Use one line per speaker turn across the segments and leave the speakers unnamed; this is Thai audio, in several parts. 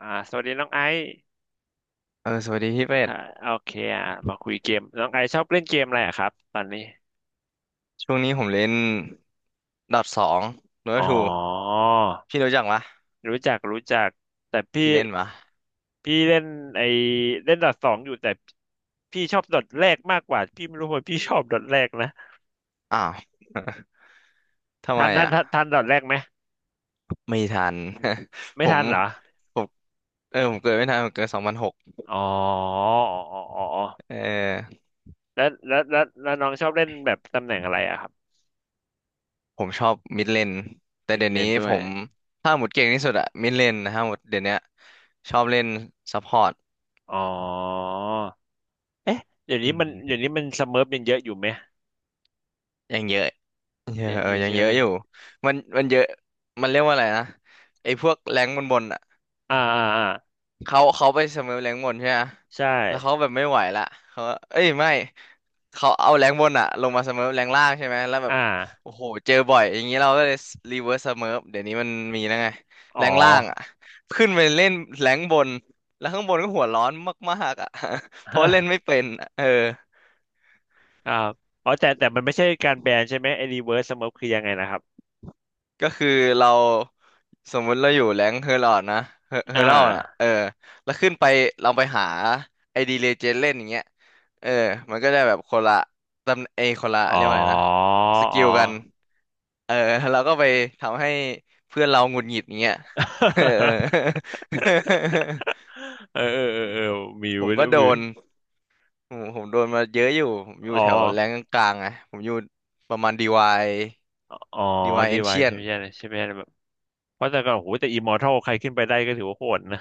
อ่าสวัสดีน้องไอซ์
เออสวัสดีพี่เป็ด
ค่ะโอเคอ่ะมาคุยเกมน้องไอซ์ชอบเล่นเกมอะไรอะครับตอนนี้
ช่วงนี้ผมเล่นดอทสองโด
อ๋
ทู
อ
พี่รู้จักปะ
รู้จักรู้จักแต่
พี่
พี่
เล่นปะ
พี่เล่นไอเล่นดอทสองอยู่แต่พี่ชอบดอทแรกมากกว่าพี่ไม่รู้ว่าพี่ชอบดอทแรกนะ
อ้าว ทำ
ทั
ไม
นทัน
อ่ะ
ทันทันดอทแรกไหม
ไม่ทัน
ไม่
ผ
ทั
ม
นเหรอ
ผมเออผมเกิดไม่ทันผมเกิด2006
อ๋ออ๋ออ๋อ
เออ
แล้วน้องชอบเล่นแบบตำแหน่งอะไรอะครับ
ผมชอบมิดเลนแต่
มิด
เดี๋ยว
เล
นี้
นด้
ผ
วย
มถ้าหมดเก่งที่สุดอะมิดเลนนะครับหมดเดี๋ยวเนี้ยชอบเล่นซัพพอร์ต
อ๋อเอ๊ะเดี๋ยว
อื
นี้
ม
มันเดี๋ยวนี้มันสเมิร์ฟยังเยอะอยู่ไหม
ยังเยอะเยอะ
เยอะ
เอ
อ
อ
ยู่
ยัง
ใช่
เย
ไหม
อะอยู่มันเยอะมันเรียกว่าอะไรนะไอ้พวกแรงบนๆ
อ่าอ่าอ่า
เขาไปเสมอแรงบนใช่ไหม
ใช่
แล้วเขาแบบไม่ไหวละเขาเอ้ยไม่ เขาเอาแรงบนอะลงมาเสมอแรงล่างใช่ไหมแล้วแบบ
อ่า
โอ้โหเจอบ่อยอย่างนี้เราก็เลยรีเวิร์สเสมอเดี๋ยวนี้มันมีแล้วไง
อ๋อ
แรงล่างอะขึ้นไปเล่นแรงบนแล้วข้างบนก็หัวร้อนมากๆอะ เพราะเล่นไม่ เป็นอะเออ
อ่าอ๋อแต่แต่มันไม่ใช่การแบนใช่ไหมไอ้รีเวิร์สสโมคคือยังไงนะครับ
ก็คือเรา สมมุติเราอยู่แรงค์เฮอร์ลอดนะเฮอเฮ
อ่
อร์ลอดอ่ะ
า
เออแล้วขึ้นไปเราไปหาไอดีเลเจนเล่นอย่างเงี้ยเออมันก็ได้แบบคนละตำเอยคนละ
อ๋อ
เรียกว่าอะไรนะ ส
อ๋
กิ
อ
ลกันเออเราก็ไปทำให้เพื่อนเราหงุดหงิดอย่างเงี้ยเออ
เออมี
ผม
เว้ย
ก็โด
มี
นผมโดนมาเยอะอยู่ผมอยู่
อ๋อ
แถวแรงกลางๆไงผมอยู่ประมาณดีวาย
อ๋อ
ดีวาย
ดี
เอน
ไว
ชีย
ใช่ไหมใช่ไหมใช่ไหมแบบเพราะแต่ก่อนโอ้โหแต่อิมมอร์ทัลใครขึ้นไปได้ก็ถือว่าโหดนะ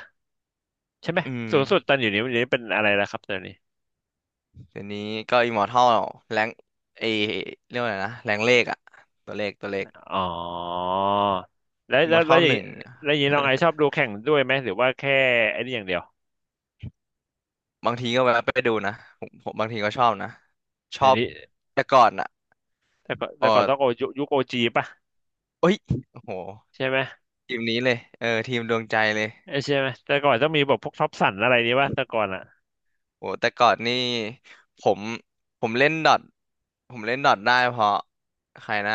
ใช่ไหม
อืม
สูงสุดตอนอยู่นี้วันนี้เป็นอะไรแล้วครับตอนนี้
เดี๋ยวนี้ก็อิมมอร์ทัลแรงเอเรียกว่าอะไรนะแรงเลขอะตัวเลข
อ๋อแล้ว
อิมม
แล้
อ
ว
ร์ทั
แล้ว
ล
อย่า
ห
ง
นึ่
นี้
งเนี่ย
แล้วอย่างนี้น้องไอซ์ชอบ ดูแข่งด้วยไหมหรือว่าแค่ไอ้นี่อย่างเดียว
บางทีก็แวะไปดูนะผมบางทีก็ชอบนะช
เดี๋
อ
ยว
บ
นี้
แต่ก่อนอะ
แต่ก่อน
อ๋
แต่
อ
ก่อนต้องโอยุคโอจีป่ะ
เอ้ยโอ้โห
ใช่ไหม
ทีมนี้เลยเออทีมดวงใจเลย
เอ้ยใช่ไหมแต่ก่อนต้องมีแบบพวกท็อปสันอะไรนี่ป่ะแต่ก่อนอ่ะ
โอ้แต่ก่อนนี่ผมผมเล่นดอทผมเล่นดอทได้เพราะใครนะ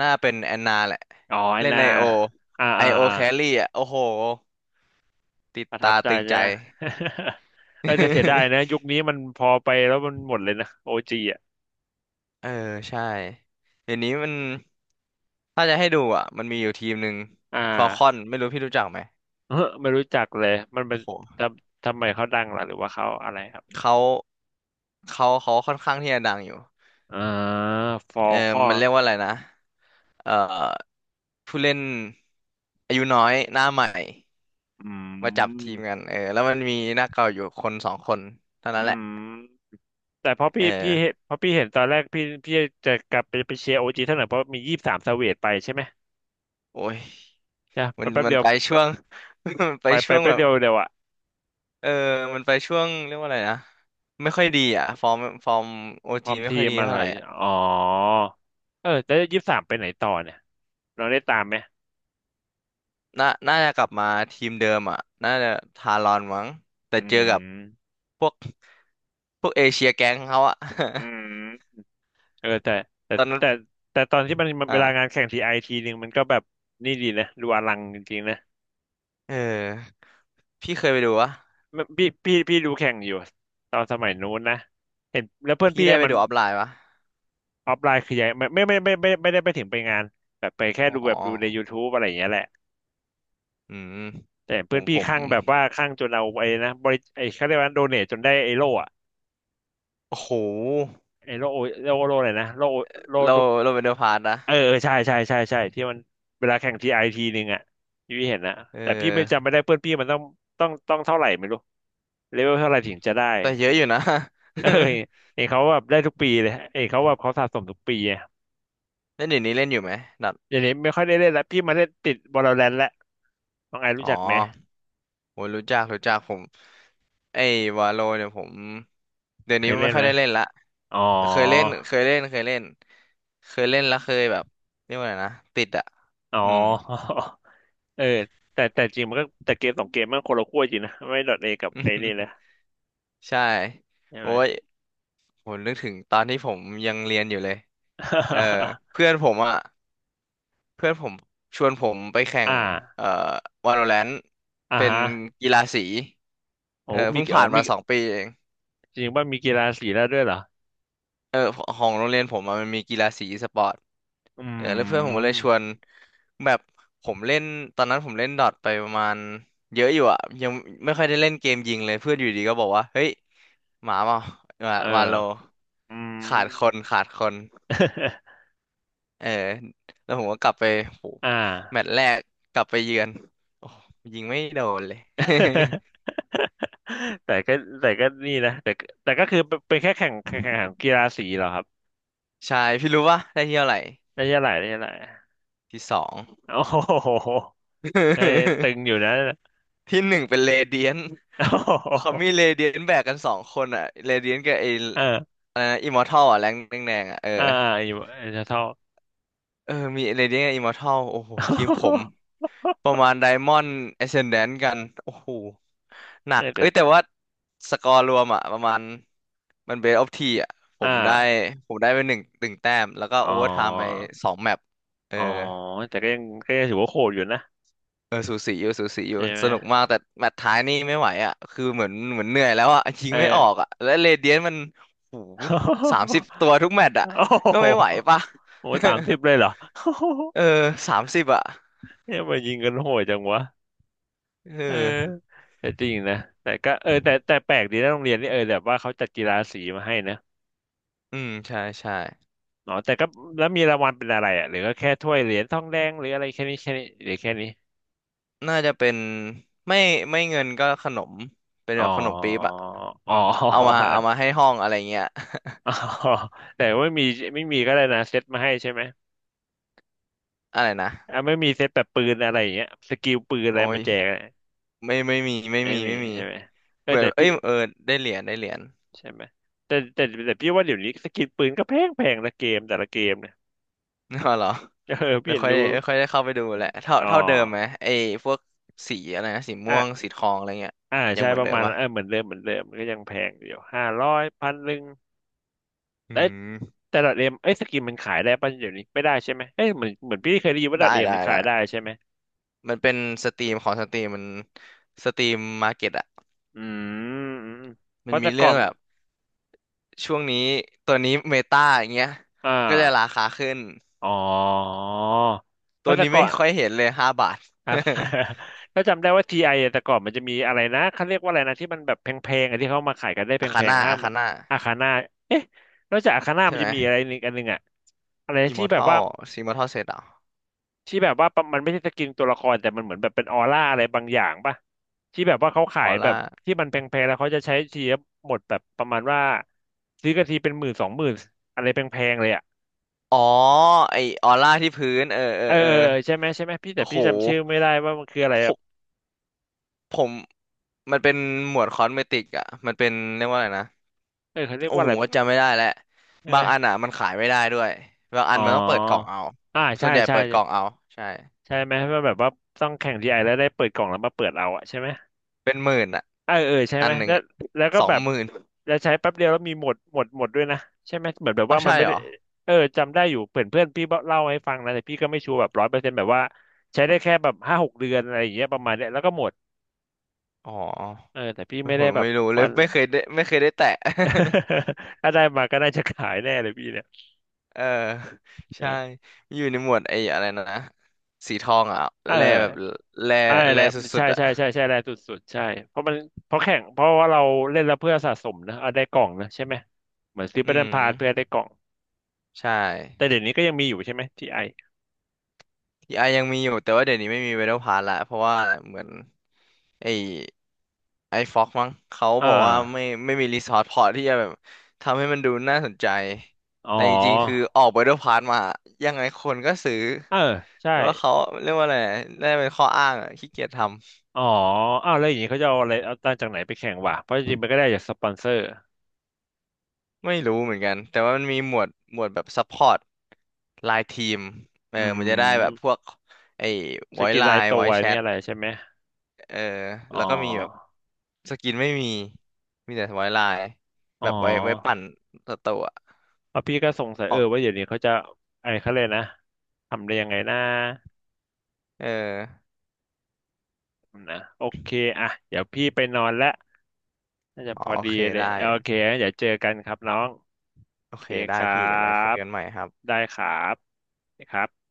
น่าเป็นแอนนาแหละ
อ๋อไอ
เล่น
นา
ไอโอ
อ่า
ไอ
อ่า
โอ
อ่า
แครี่อะโอ้โหติด
ประทับ
ตา
ใจ
ตึงใจ
จ้ะ เออแต่เสียดายนะ ยุคนี้มันพอไปแล้วมันหมดเลยนะโอจีอ่ะ
เออใช่เดี๋ยวนี้มันถ้าจะให้ดูอ่ะมันมีอยู่ทีมหนึ่ง
อ่า
ฟอลคอน ไม่รู้พี่รู้จักไหม
เออไม่รู้จักเลยมันเป็
โอ้
น
โห
ทำไมเขาดังล่ะหรือว่าเขาอะไรครับ
เขาเขาค่อนข้างที่จะดังอยู่
อ่าฟอ
เอ
ล
อ
ข้อ
มันเรียกว่าอะไรนะเอ่อผู้เล่นอายุน้อยหน้าใหม่
อื
มาจับทีมกั
ม
นเออแล้วมันมีหน้าเก่าอยู่คนสองคนเท่า
อื
นั้นแหละ
มแต่เพราะ
เอ
พี่
อ
เห็นเพราะพี่เห็นตอนแรกพี่จะกลับไปไปเชียร์โอจีเท่าไหร่เพราะมียี่สิบสามสเวตไปใช่ไหม
โอ้ย
จ้ะ
มั
ไป
น
แป๊บ
มัน
เดียว
ไปช่วง มันไป
ไปไป
ช่วง
แป๊
แบ
บ
บ
เดียวเดียวอะ
เออ มันไปช่วงเรียกว่าอะไรนะ ไม่ค่อยดีอ่ะ ฟอร์มโอ
พร้อ
จี
ม
ไม่
ที
ค่อย
ม
ดี
อะไร
เท่าไหร่อ่ะ
อ๋อเออแต่ยี่สิบสามไปไหนต่อเนี่ยเราได้ตามไหม
น่าจะกลับมาทีมเดิมอ่ะ น่าจะทารอนมั้งแต่
อื
เจอกับ
ม
พวก พวกเอเชียแก๊งเขาอ่ะ
อืมเออแต่
ตอนนั้น
แต่แต่ตอนที่มันมันเวลางาน
อ่า
แข่งทีไอทีหนึ่งมันก็แบบนี่ดีนะดูอลังจริงๆนะ
เออ พี่เคยไปดูวะ
มันพี่ดูแข่งอยู่ตอนสมัยนู้นนะเห็นแล้วเพื่อน
พี่
พี่
ได้
อะ
ไป
มัน
ดูออฟไลน์ปะ
ออฟไลน์คือยังไม่ได้ไปถึงไปงานแบบไปแค่
อ๋อ
ดูแบบดูในยูท t บอะไรอย่างเงี้ยแหละ
อืม
แต่
ผ
เพื่อน
มผ
พี่
ม
ข้างแบบว่าข้างจนเอาไอ้นะบริไอ้เขาเรียกว่าโดเนทจนได้ไอ้โล่อะ
โอ้โห
ไอ้โล่โอโล่เลยนะโล่โล่
เรา
ลูก
เราเป็นเดอะพาร์ตนะ
เออใช่ที่มันเวลาแข่งทีไอทีหนึ่งอะที่พี่เห็นนะ
เ
แต่พี่ไม่จำ
ออ
ไม่ได้เพื่อนพี่มันต้องต้องเท่าไหร่ไม่รู้เลเวลเท่าไหร่ถึงจะได้
แต่เยอะอยู่นะ
เออเห็นเขาแบบได้ทุกปีเลยเห็นเขาแบบเขาสะสมทุกปีอะ
เล่นอยู่นี้เล่นอยู่ไหมดัด
เดี๋ยวนี้ไม่ค่อยได้เล่นละพี่มาเล่นติดวอลเลนต์ละน้องไอ
อ๋
รู้
อ
จักไหม
โอ้ยรู้จักรู้จักผมไอ้วาโลเนี่ยผมเดี๋ยว
เค
นี้
ยเล่
ไม่
น
ค่อ
ไห
ย
ม
ได้เล่นละ
อ๋อ
เคยเล่นเคยเล่นเคยเล่นเคยเล่นแล้วเคยแบบเรียกว่าไงนะติดอ่ะ
อ๋อ
อืม
เออแต่แต่จริงมันก็แต่เกม2 เกมมันคนละขั้วจริงนะไม่ดอทเอกับไอ้นี่เลย
ใช่
ใช่
โอ้
ไหม
ยผมนึกถึงตอนที่ผมยังเรียนอยู่เลยเออเพื่ อนผมอ่ะเพื่อนผมชวนผมไปแข่
อ่
ง
า
เอ่อ Valorant
อ่า
เป็น
ฮะ
กีฬาสี
โอ้
เออ
มี
เพิ่ง
อ๋
ผ่า
อ
น
มี
มา2 ปีเอง
จริงว่ามีกีฬาสีแล้วด้วยเหรอ
เออของโรงเรียนผมอะมันมีกีฬาสีอีสปอร์ต
อื
เออแล้วเพื่อนผมก็เล
ม
ยชวนแบบผมเล่นตอนนั้นผมเล่นดอทไปประมาณเยอะอยู่อ่ะยังไม่ค่อยได้เล่นเกมยิงเลยเพื่อนอยู่ดีก็บอกว่าเฮ้ยหมาเปล่าวา
เอ
วาโล
ออืม
ขาดคนขาดคน เออแล้วผมก็กลับไปโห
อ่า
แมตช์แร กกลับไปเยือนโอ้ยิงไม่โดนเลย
แต่ก็แต่ก็นี่นะแต่ก็แต่ก็คือเป็นเป็นแค่แข่งแข่งกีฬาสีเหรอครับ
ใช่พี่รู้ปะได้ที่เท่าไหร่
ได้ใช่าไหลาไม้ใช่าไหล
ที่สอง
โอ้โหเอ้ยตึงอยู่นะ
ที่หนึ่งเป็นเรเดียน
โอ้
เขามี
โห
เรเดียนแบกกันสองคนอ่ะเรเดียนกับไอ้
เอ่า
อะไรนะอิมมอร์ทัลอ่ะแรงแดงๆอ่ะเออ
อ่าอยู่จะเท่า
เออมีเรเดียนกับอิมมอร์ทัลโอ้โหทีมผม ประมาณไดมอนด์เอ c เซนแดนกันโอ้โหหนั
เออ
ก
แต่
เอ้ยแต่ว่าสกอร์รวมอ่ะประมาณมันเบสออฟทีอ่ะผ
อ่
มได้
า
ผมได้ไป11 แต้มแล้วก็
อ๋อ
โอเวอร์ไทม์ไป2 แมปเออ
อ๋อแต่ก็ยังก็ยังถือว่าโหดอยู่นะ
เออสูสีอยู่สูสีอยู่
ใช่ไหม
สนุกมากแต่แมตช์ท้ายนี่ไม่ไหวอ่ะคือเหมือนเหมือนเหนื่อยแล้วอ่ะยิ
เอ
งไม่ออก
อ
อ่ะและเรเดียนมันโอ้30 ตัวทุกแมตช์ อ่ะ
โอ้โห
ก็ไม่ไหวปะ
โห 30เลยเหรอ
เออ30อ่ะ
เนี่ยมายิงกันโหดจังวะ
เอ
เออ
อ
แต่จริงนะแต่ก็เออแต่แปลกดีนะโรงเรียนนี่เออแบบว่าเขาจัดกีฬาสีมาให้นะ
อืมใช่ใช่
อ๋อแต่ก็แล้วมีรางวัลเป็นอะไรอ่ะหรือก็แค่ถ้วยเหรียญทองแดงหรืออะไรแค่นี้หรือแค่นี้
น่าจะเป็นไม่ไม่เงินก็ขนมเป็น
อ๋อ
แบบขนมปี๊บอ่ะ
อ๋อ
เอามาเอามาให้ ห้องอะไรเงี้ย
อ๋อแต่ไม่มีไม่มีก็ได้นะเซตมาให้ใช่ไหม
อะไรนะ
อ่ะไม่มีเซตแบบปืนอะไรอย่างเงี้ยสกิลปืนอะไร
โอ้ย
มาแจกอะ
ไม่ไม่มีไม่
ไม่
มี
มี
ไม่มี
ใช่ไหมเอ
เห
อ
มือน
แต่
เอ้
พี่
ยเออได้เหรียญได้เหรียญ
ใช่ไหมแต่พี่ว่าเดี๋ยวนี้สกิลปืนก็แพงแพงละเกมแต่ละเกมเนี่ย
อ๋อเหรอ
เออพี่
ไม่
เห็น
ค่อย
รู้
ไม่ค่อยได้เข้าไปดูแหละเท่า
อ๋อ
เท่าเดิมไหมไอ้พวกสีอะไรนะสีม่
อ่ะ
วงสีทองอะไรเงี้ย
อ่า
ยัง
ใช่
เหมือ
ป
น
ระ
เดิม
มาณ
ปะ
เออเหมือนเดิมเหมือนเดิมมันก็ยังแพงอยู่500พันหนึ่ง
อื
แต่
ม
แต่ดอทเอ็มเอ้ยสกินมันขายได้ป่ะเดี๋ยวนี้ไม่ได้ใช่ไหมเอ้ยเหมือนเหมือนพี่เคยได้ยินว่าด
ได้
อทเอ็ม
ได้
มันขา
ละ
ยได้ใช่ไหม
มันเป็นสตรีมของสตรีมมันสตรีมมาร์เก็ตอะ
อืมอืมเพ
มัน
ราะ
มี
แต่ก่
เรื่
อ
อง
น
แบบช่วงนี้ตัวนี้เมตาอย่างเงี้ย
อ่า
ก็จะราคาขึ้น
อ๋อเพ
ตัว
ราะแต่
นี้
ก่
ไม่
อน
ค่อยเห็นเลย5 บาท
ครับ ถ้าจำได้ว่าTIอะแต่ก่อนมันจะมีอะไรนะเขาเรียกว่าอะไรนะที่มันแบบแพงๆอะที่เขามาขายกันได้
อาคา
แพง
น่า
ๆห้า
อา
ม
คาน่า
อาคาน่าเอ๊ะนอกจากอาคาน่า
ใช่
มัน
ไห
จะ
ม
มีอะไรอีกอันหนึ่งอะอะไร
อิม
ที่
อร์
แบบ
ทั
ว่า
ลซีมอร์ทัลเซตอ่ะ
ที่แบบว่ามันไม่ใช่สกินตัวละครแต่มันเหมือนแบบเป็นออร่าอะไรบางอย่างป่ะที่แบบว่าเขา
อ
ขาย
อ
แบ
ร่า
บที่มันแพงๆแล้วเขาจะใช้ทีละหมดแบบประมาณว่าซื้อกันทีเป็น10,000 20,000อะไรแพงๆเลยอะ
อ๋อไอออร่าที่พื้นเออเออ
เออ
เออ
ใช่ไหมใช่ไหมพี่แต่
โอ้โห
พี่จำชื่อไม่ได้ว่ามันคืออะไรแบ
โค ผมมันเป็นหมวดคอสเมติกอ่ะมันเป็นเรียกว่าอะไรนะ
เออเขาเรียก
โอ้
ว่า
ผ
อะไร
มก็จำไม่ได้แล้ว
ใช่
บา
ไหม
งอันอ่ะมันขายไม่ได้ด้วยบางอั
อ๋
น
อ
มันต้องเปิดกล่องเอา
อ่า
ส่
ใช่
วนใหญ่
ใช่
เปิดกล่องเอาใช่
ใช่ไหมว่าแบบว่าต้องแข่งทีไอแล้วได้เปิดกล่องแล้วมาเปิดเอาอะใช่ไหม
เป็นหมื่นอ่ะ
เออเออใช่
อั
ไหม
นหนึ่ง
แล้ว
อะ
แล้วก็
สอ
แบ
ง
บ
หมื่น
แล้วใช้แป๊บเดียวแล้วมีหมดหมดหมดด้วยนะใช่ไหมเหมือนแบบ
เอา
ว่ามั
ใช่
นไม่
เหร
ได้
อ
เออจำได้อยู่เพื่อนเพื่อนพี่เล่าให้ฟังนะแต่พี่ก็ไม่ชัวร์แบบ100%แบบว่าใช้ได้แค่แบบ5-6 เดือนอะไรอย่างเงี้ยประมาณเนี้ยแล้วก็หมด
อ๋อ
เออแต่พี่ไม่
ผ
ได้
ม
แบบ
ไม่รู้เล
ฟั
ย
น
ไม่เคยได้ไม่เคยได้แตะ
ถ้าได้มาก็น่าจะขายแน่เลยพี่เนี่
เออใช่
ย
อยู่ในหมวดไอ้อะไรนะสีทองอ่ะ
เอ
แลแบบ
อ
แล
ใช่
แล
แหละ
สุ
ใช่
ดๆอ่ะ
ใช่ใช่ใช่แหละสุดๆใช่เพราะมันเพราะแข่งเพราะว่าเราเล่นแล้วเพื่อสะสมนะเอาได้กล่องนะใช่ไหมเหมือนซื้อ
อื
บัตรพาสเพื่อได้
ม
กล่อง
ใช่
แต่เดี๋ยวนี้ก็ยังมีอยู่ใช่ไหมทีไอ
ทีไอยังมีอยู่แต่ว่าเดี๋ยวนี้ไม่มีเวโรพาร์ละเพราะว่าเหมือนไอไอฟ็อกมั้งเขา
อ่
บอกว่าไม่
า
ไม่มีรีซอสพอที่จะแบบทำให้มันดูน่าสนใจ
อ๋
แต่จริงๆคือ
อ
ออกเวโรพาร์มายังไงคนก็ซื้อ
เออใช่
แต่ว่าเขา
อ
เรียกว่าอะไรน่าจะเป็นข้ออ้างอะขี้เกียจทำ
๋ออ้าวแล้วอย่างนี้เขาจะเอาอะไรเอาตังค์จากไหนไปแข่งวะเพราะจริงๆมันก็ได้จากสปอนเซอร์
ไม่รู้เหมือนกันแต่ว่ามันมีหมวดหมวดแบบซัพพอร์ตไลน์ทีมเออ
อื
มันจะได้แบบพ
ม
วกไอ้
ส
ไว
กิน
ไล
ราย
น์
ตั
ไว
ว
แช
นี่
ท
อะไรใช่ไหม
เออ
อ๋อ
แล้วก็มีแบบ สกินไม่มี มีแต่ไว้ลาย
อ๋
แบบไว้ไว้ปั่
อ
นตัวตัว
เอพี่ก็สงสัย
ข
เออ
อง
ว่าเดี๋ยวนี้เขาจะไอ้เขาเลยกนะทำได้ยังไงนะ
เออ
นะโอเคอ่ะเดี๋ยวพี่ไปนอนและน่าจะ
อ๋อ
พอ
โอ
ดี
เค
เลย
ได้
โอเคงั้นเดี๋ยวเจอกันครับน้อง
โอ
โอเค
เค
ค
ได้
รั
พี่เดี๋ยวไว้คุย
บ
กันใหม่ครับ
ได้ครับนะครับ